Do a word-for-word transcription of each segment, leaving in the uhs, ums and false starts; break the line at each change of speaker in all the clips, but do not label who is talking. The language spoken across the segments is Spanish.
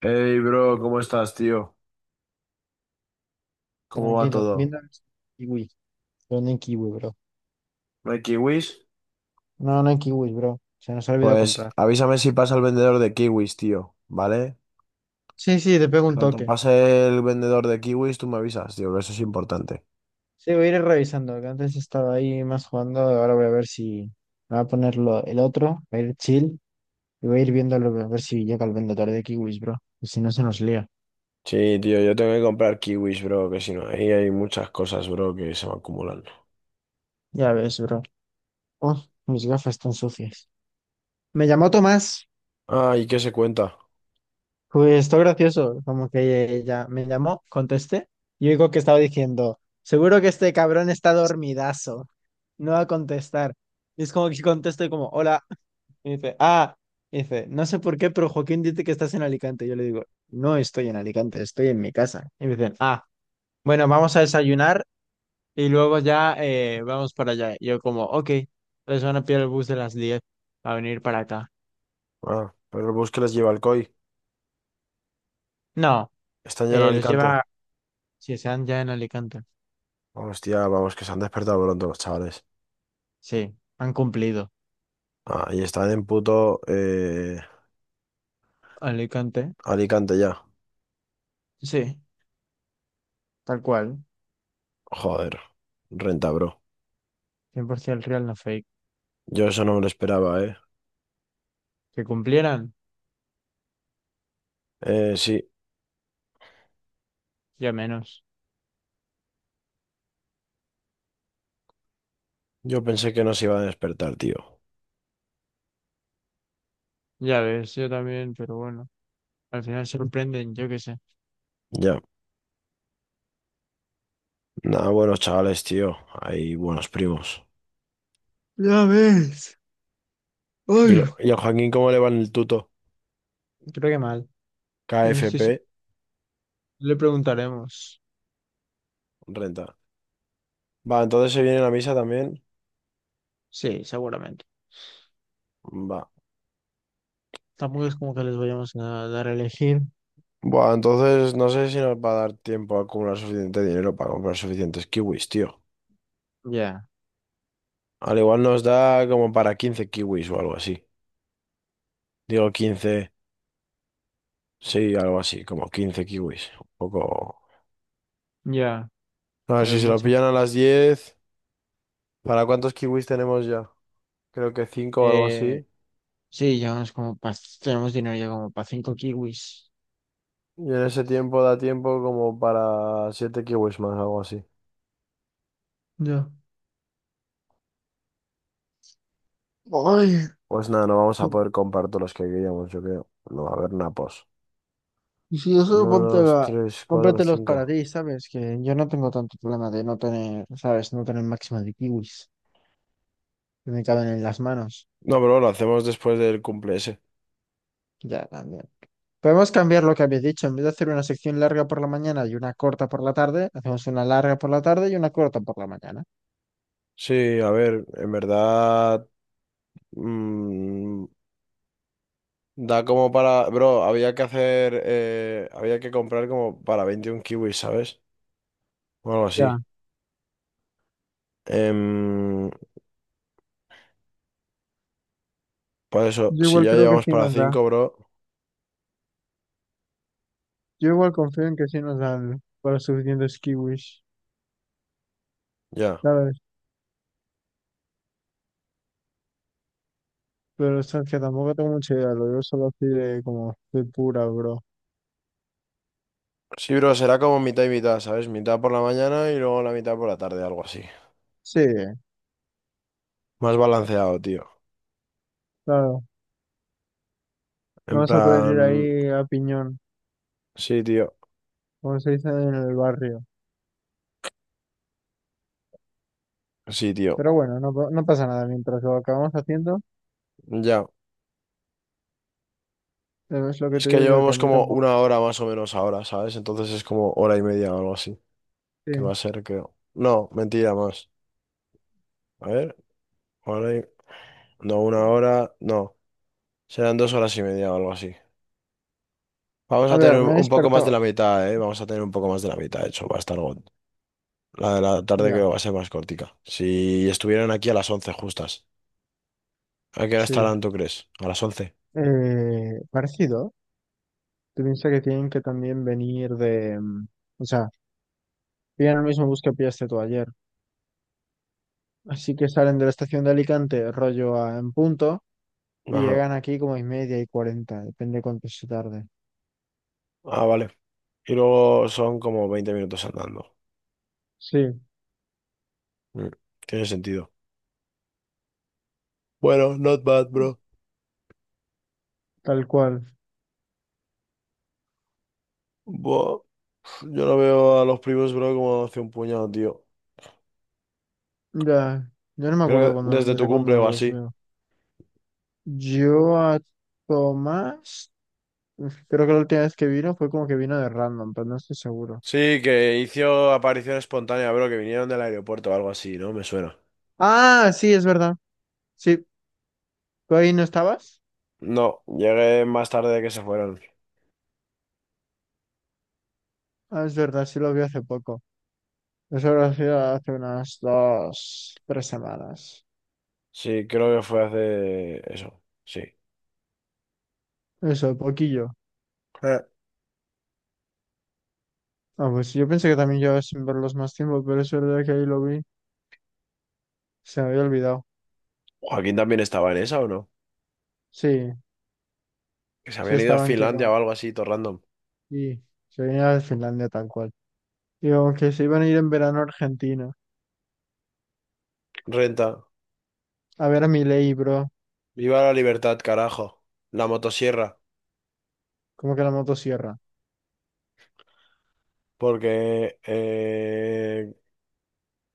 Hey, bro, ¿cómo estás, tío? ¿Cómo va
Tranquilo,
todo?
Windows Kiwi, pero no en Kiwi, bro.
¿No hay kiwis?
No, no en Kiwi, bro. Se nos ha olvidado
Pues
comprar.
avísame si pasa el vendedor de kiwis, tío, ¿vale?
Sí, sí, te pego
En
un
cuanto
toque.
pase el vendedor de kiwis, tú me avisas, tío, que eso es importante.
Sí, voy a ir revisando, que antes estaba ahí más jugando, ahora voy a ver si me voy a poner lo- el otro, voy a ir chill, y voy a ir viéndolo, a ver si llega el vendedor de Kiwis, bro. Y si no se nos lía.
Sí, tío, yo tengo que comprar kiwis, bro, que si no, ahí hay muchas cosas, bro, que se van acumulando.
Ya ves, bro. Oh, mis gafas están sucias. Me llamó Tomás.
Ah, ¿y qué se cuenta?
Pues esto gracioso, como que ella me llamó, contesté, y oigo que estaba diciendo, seguro que este cabrón está dormidazo, no va a contestar. Y es como que contesto y como, hola, y dice, ah, y dice, no sé por qué, pero Joaquín dice que estás en Alicante. Yo le digo, no estoy en Alicante, estoy en mi casa. Y me dicen, ah, bueno, vamos a desayunar y luego ya eh, vamos para allá. Y yo como, ok, les van a pillar el bus de las diez a venir para acá.
Ah, pero el bus que les lleva el C O I.
No,
¿Están ya en
eh, los
Alicante?
lleva, si se dan ya en Alicante.
Hostia, vamos, que se han despertado pronto los chavales.
Sí, han cumplido.
Ah, y están en puto eh,
Alicante,
Alicante ya.
sí, tal cual.
Joder, renta, bro.
Cien por ciento el real, no fake.
Yo eso no me lo esperaba, ¿eh?
Que cumplieran,
Eh, sí,
ya menos.
yo pensé que nos iba a despertar, tío.
Ya ves, yo también, pero bueno. Al final sorprenden, yo qué sé.
Ya. Nada, buenos chavales, tío. Hay buenos primos.
Ya ves.
¿Y,
Ay,
el- y al Joaquín cómo le va en el tuto?
creo que mal. No no estoy
K F P,
seguro. Le preguntaremos.
renta. Va, entonces se viene la misa también.
Sí, seguramente.
Va.
Tampoco es como que les vayamos a dar a elegir.
Buah, entonces no sé si nos va a dar tiempo a acumular suficiente dinero para comprar suficientes kiwis, tío.
Ya,
Al igual nos da como para quince kiwis o algo así. Digo quince, sí, algo así, como quince kiwis. Un poco.
ya.
A ver
Ya
si
ves
se lo
mucho.
pillan a las diez. ¿Para cuántos kiwis tenemos ya? Creo que cinco o algo
Eh,
así.
sí, llevamos como pa- tenemos dinero ya como para cinco kiwis.
Y en ese tiempo da tiempo como para siete kiwis más, algo así.
Ya. Ay.
Pues nada, no vamos a poder comprar todos los que queríamos, yo creo. No va a haber napos.
Y si eso
Uno,
ponte
dos,
a-
tres, cuatro,
cómpratelos para
cinco.
ti, ¿sabes? Que yo no tengo tanto problema de no tener, ¿sabes? No tener máxima de kiwis. Que me caben en las manos.
No, pero lo hacemos después del cumple ese.
Ya, también. Podemos cambiar lo que habéis dicho. En vez de hacer una sección larga por la mañana y una corta por la tarde, hacemos una larga por la tarde y una corta por la mañana.
Sí, a ver, en verdad. mm, Da como para. Bro, había que hacer. Eh, había que comprar como para veintiún kiwis, ¿sabes? O algo así.
Ya,
Em, por eso,
yo
si
igual
ya
creo que
llevamos
sí
para
nos da.
cinco, bro.
Yo igual confío en que sí nos dan para los suficientes kiwis,
Ya.
¿sabes? Pero es que tampoco tengo mucha idea, lo digo solo así de como de pura, bro.
Sí, bro, será como mitad y mitad, ¿sabes? Mitad por la mañana y luego la mitad por la tarde, algo así.
Sí,
Más balanceado, tío.
claro. No
En
vas a poder ir
plan.
ahí a piñón,
Sí, tío.
como se dice en el barrio.
Sí, tío.
Pero bueno, no, pa- no pasa nada mientras lo acabamos haciendo.
Ya.
eh, Es lo que
Es
te
que
digo yo, que a
llevamos
mí
como
tampoco.
una hora más o menos ahora, ¿sabes? Entonces es como hora y media o algo así.
Sí.
Que va a ser, creo. No, mentira más. A ver, hora y- No, una hora. No. Serán dos horas y media o algo así. Vamos
A
a
ver,
tener
me he
un poco más de
despertado.
la mitad, ¿eh? Vamos a tener un poco más de la mitad, de hecho. Va a estar. go- La de la tarde creo
Ya,
que va a ser más cortica. Si estuvieran aquí a las once justas. ¿A qué hora
sí.
estarán, tú crees? A las once.
Eh, parecido. Tú piensas que tienen que también venir de. mm, O sea, pillan el mismo bus que pillaste tú ayer. Así que salen de la estación de Alicante, rollo a- en punto, y
Ajá.
llegan aquí como y media y cuarenta, depende cuánto se tarde.
Ah, vale. Y luego son como veinte minutos andando.
Sí,
Mm, Tiene sentido. Bueno, not bad, bro.
tal cual.
Buah, yo no veo a los primos, bro, como hace un puñado, tío.
Ya, yo no me acuerdo
Creo que
cuando,
desde
desde
tu
cuándo
cumple
no
o
los
así.
leo. Yo a Tomás, uf, creo que la última vez que vino fue como que vino de random, pero no estoy seguro.
Sí, que hizo aparición espontánea, bro, que vinieron del aeropuerto o algo así, ¿no? Me suena.
Ah, sí, es verdad. Sí, ¿tú ahí no estabas?
No, llegué más tarde de que se fueron.
Ah, es verdad, sí lo vi hace poco. Eso lo hacía hace unas dos, tres semanas.
Sí, creo que fue hace eso. Sí.
Eso, poquillo. Ah, pues yo pensé que también llevaba sin verlos más tiempo, pero es verdad que ahí lo vi. Se me había olvidado.
Joaquín también estaba en esa, ¿o no?
Sí,
Que se
sí
habían ido a
estaban que...
Finlandia o algo así, todo random.
y se venía de Finlandia tal cual. Digo, que se iban a ir en verano a Argentina.
Renta.
A ver a Milei, bro.
Viva la libertad, carajo. La motosierra.
Como que la motosierra.
Porque, eh,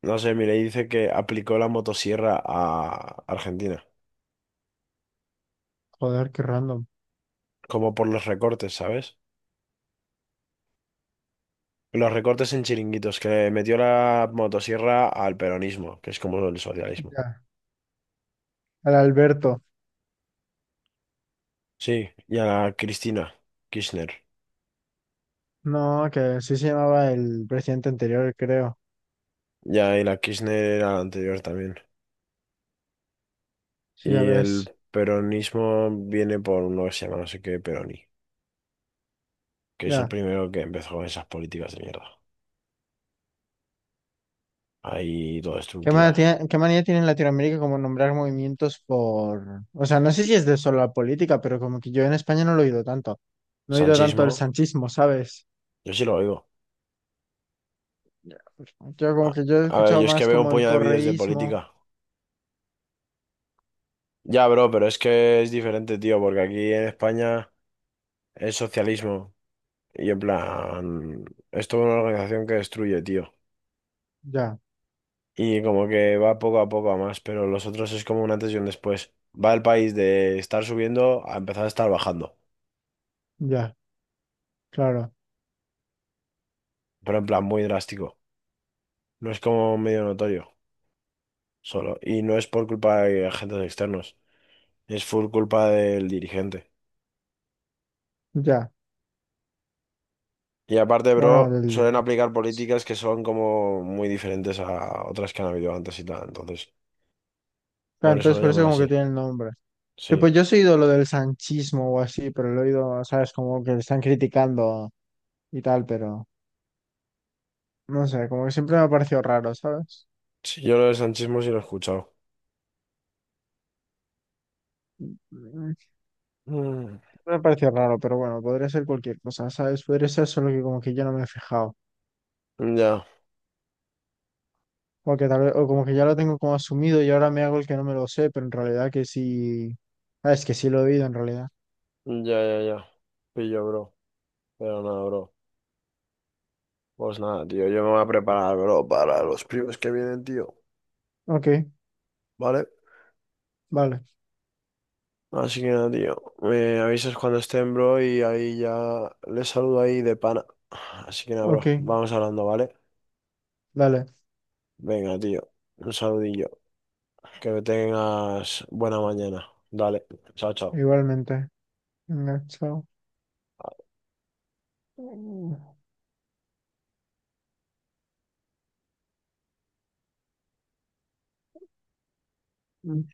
no sé, mire, dice que aplicó la motosierra a Argentina.
Joder, qué random.
Como por los recortes, ¿sabes? Los recortes en chiringuitos, que metió la motosierra al peronismo, que es como el socialismo.
Ya. Al Alberto.
Sí, y a la Cristina Kirchner.
No, que sí se llamaba el presidente anterior, creo.
Ya, y la Kirchner era la anterior también.
Sí, ya
Y
ves.
el peronismo viene por uno que se llama no sé qué Peroni, que es el
Ya.
primero que empezó con esas políticas de mierda. Ahí todo
¿Qué manía
destructiva.
tiene, qué manía tiene en Latinoamérica como nombrar movimientos por... O sea, no sé si es de solo la política, pero como que yo en España no lo he oído tanto. No he oído tanto
Sanchismo,
el sanchismo, ¿sabes?
yo sí lo oigo.
Ya. Pues, yo como
A,
que yo he
a ver,
escuchado
yo es que
más
veo un
como el
puñado de vídeos de
correísmo.
política. Ya, bro, pero es que es diferente, tío, porque aquí en España es socialismo. Y en plan, es toda una organización que destruye, tío.
Ya,
Y como que va poco a poco a más, pero los otros es como un antes y un después. Va el país de estar subiendo a empezar a estar bajando.
ya, claro.
Pero en plan muy drástico. No es como medio notorio, solo. Y no es por culpa de agentes externos, es full culpa del dirigente.
Ya.
Y aparte,
Bueno,
bro,
del...
suelen aplicar políticas que son como muy diferentes a otras que han habido antes y tal. Entonces,
Claro,
por eso
entonces
lo
por eso
llaman
como que
así.
tiene el nombre. Sí,
Sí.
pues yo sí he oído lo del sanchismo o así, pero lo he oído, ¿sabes? Como que le están criticando y tal, pero no sé, como que siempre me ha parecido raro, ¿sabes?
Sí, yo lo del sanchismo sí lo he escuchado.
Mm.
Mm,
Me ha parecido raro, pero bueno, podría ser cualquier cosa, ¿sabes? Podría ser solo que como que yo no me he fijado.
ya,
O que tal vez, o como que ya lo tengo como asumido y ahora me hago el que no me lo sé, pero en realidad que sí. Ah, es que sí lo he oído en realidad.
ya, ya, ya. Pillo, bro. Pero nada, bro. Pues nada, tío, yo me voy a preparar, bro, para los primos que vienen, tío.
Ok,
¿Vale?
vale,
Así que nada, tío. Me avisas cuando estén, bro, y ahí ya les saludo ahí de pana. Así que nada,
ok,
bro. Vamos hablando, ¿vale?
dale,
Venga, tío. Un saludillo. Que tengas buena mañana. Dale. Chao, chao.
igualmente. Venga, chao. Mm.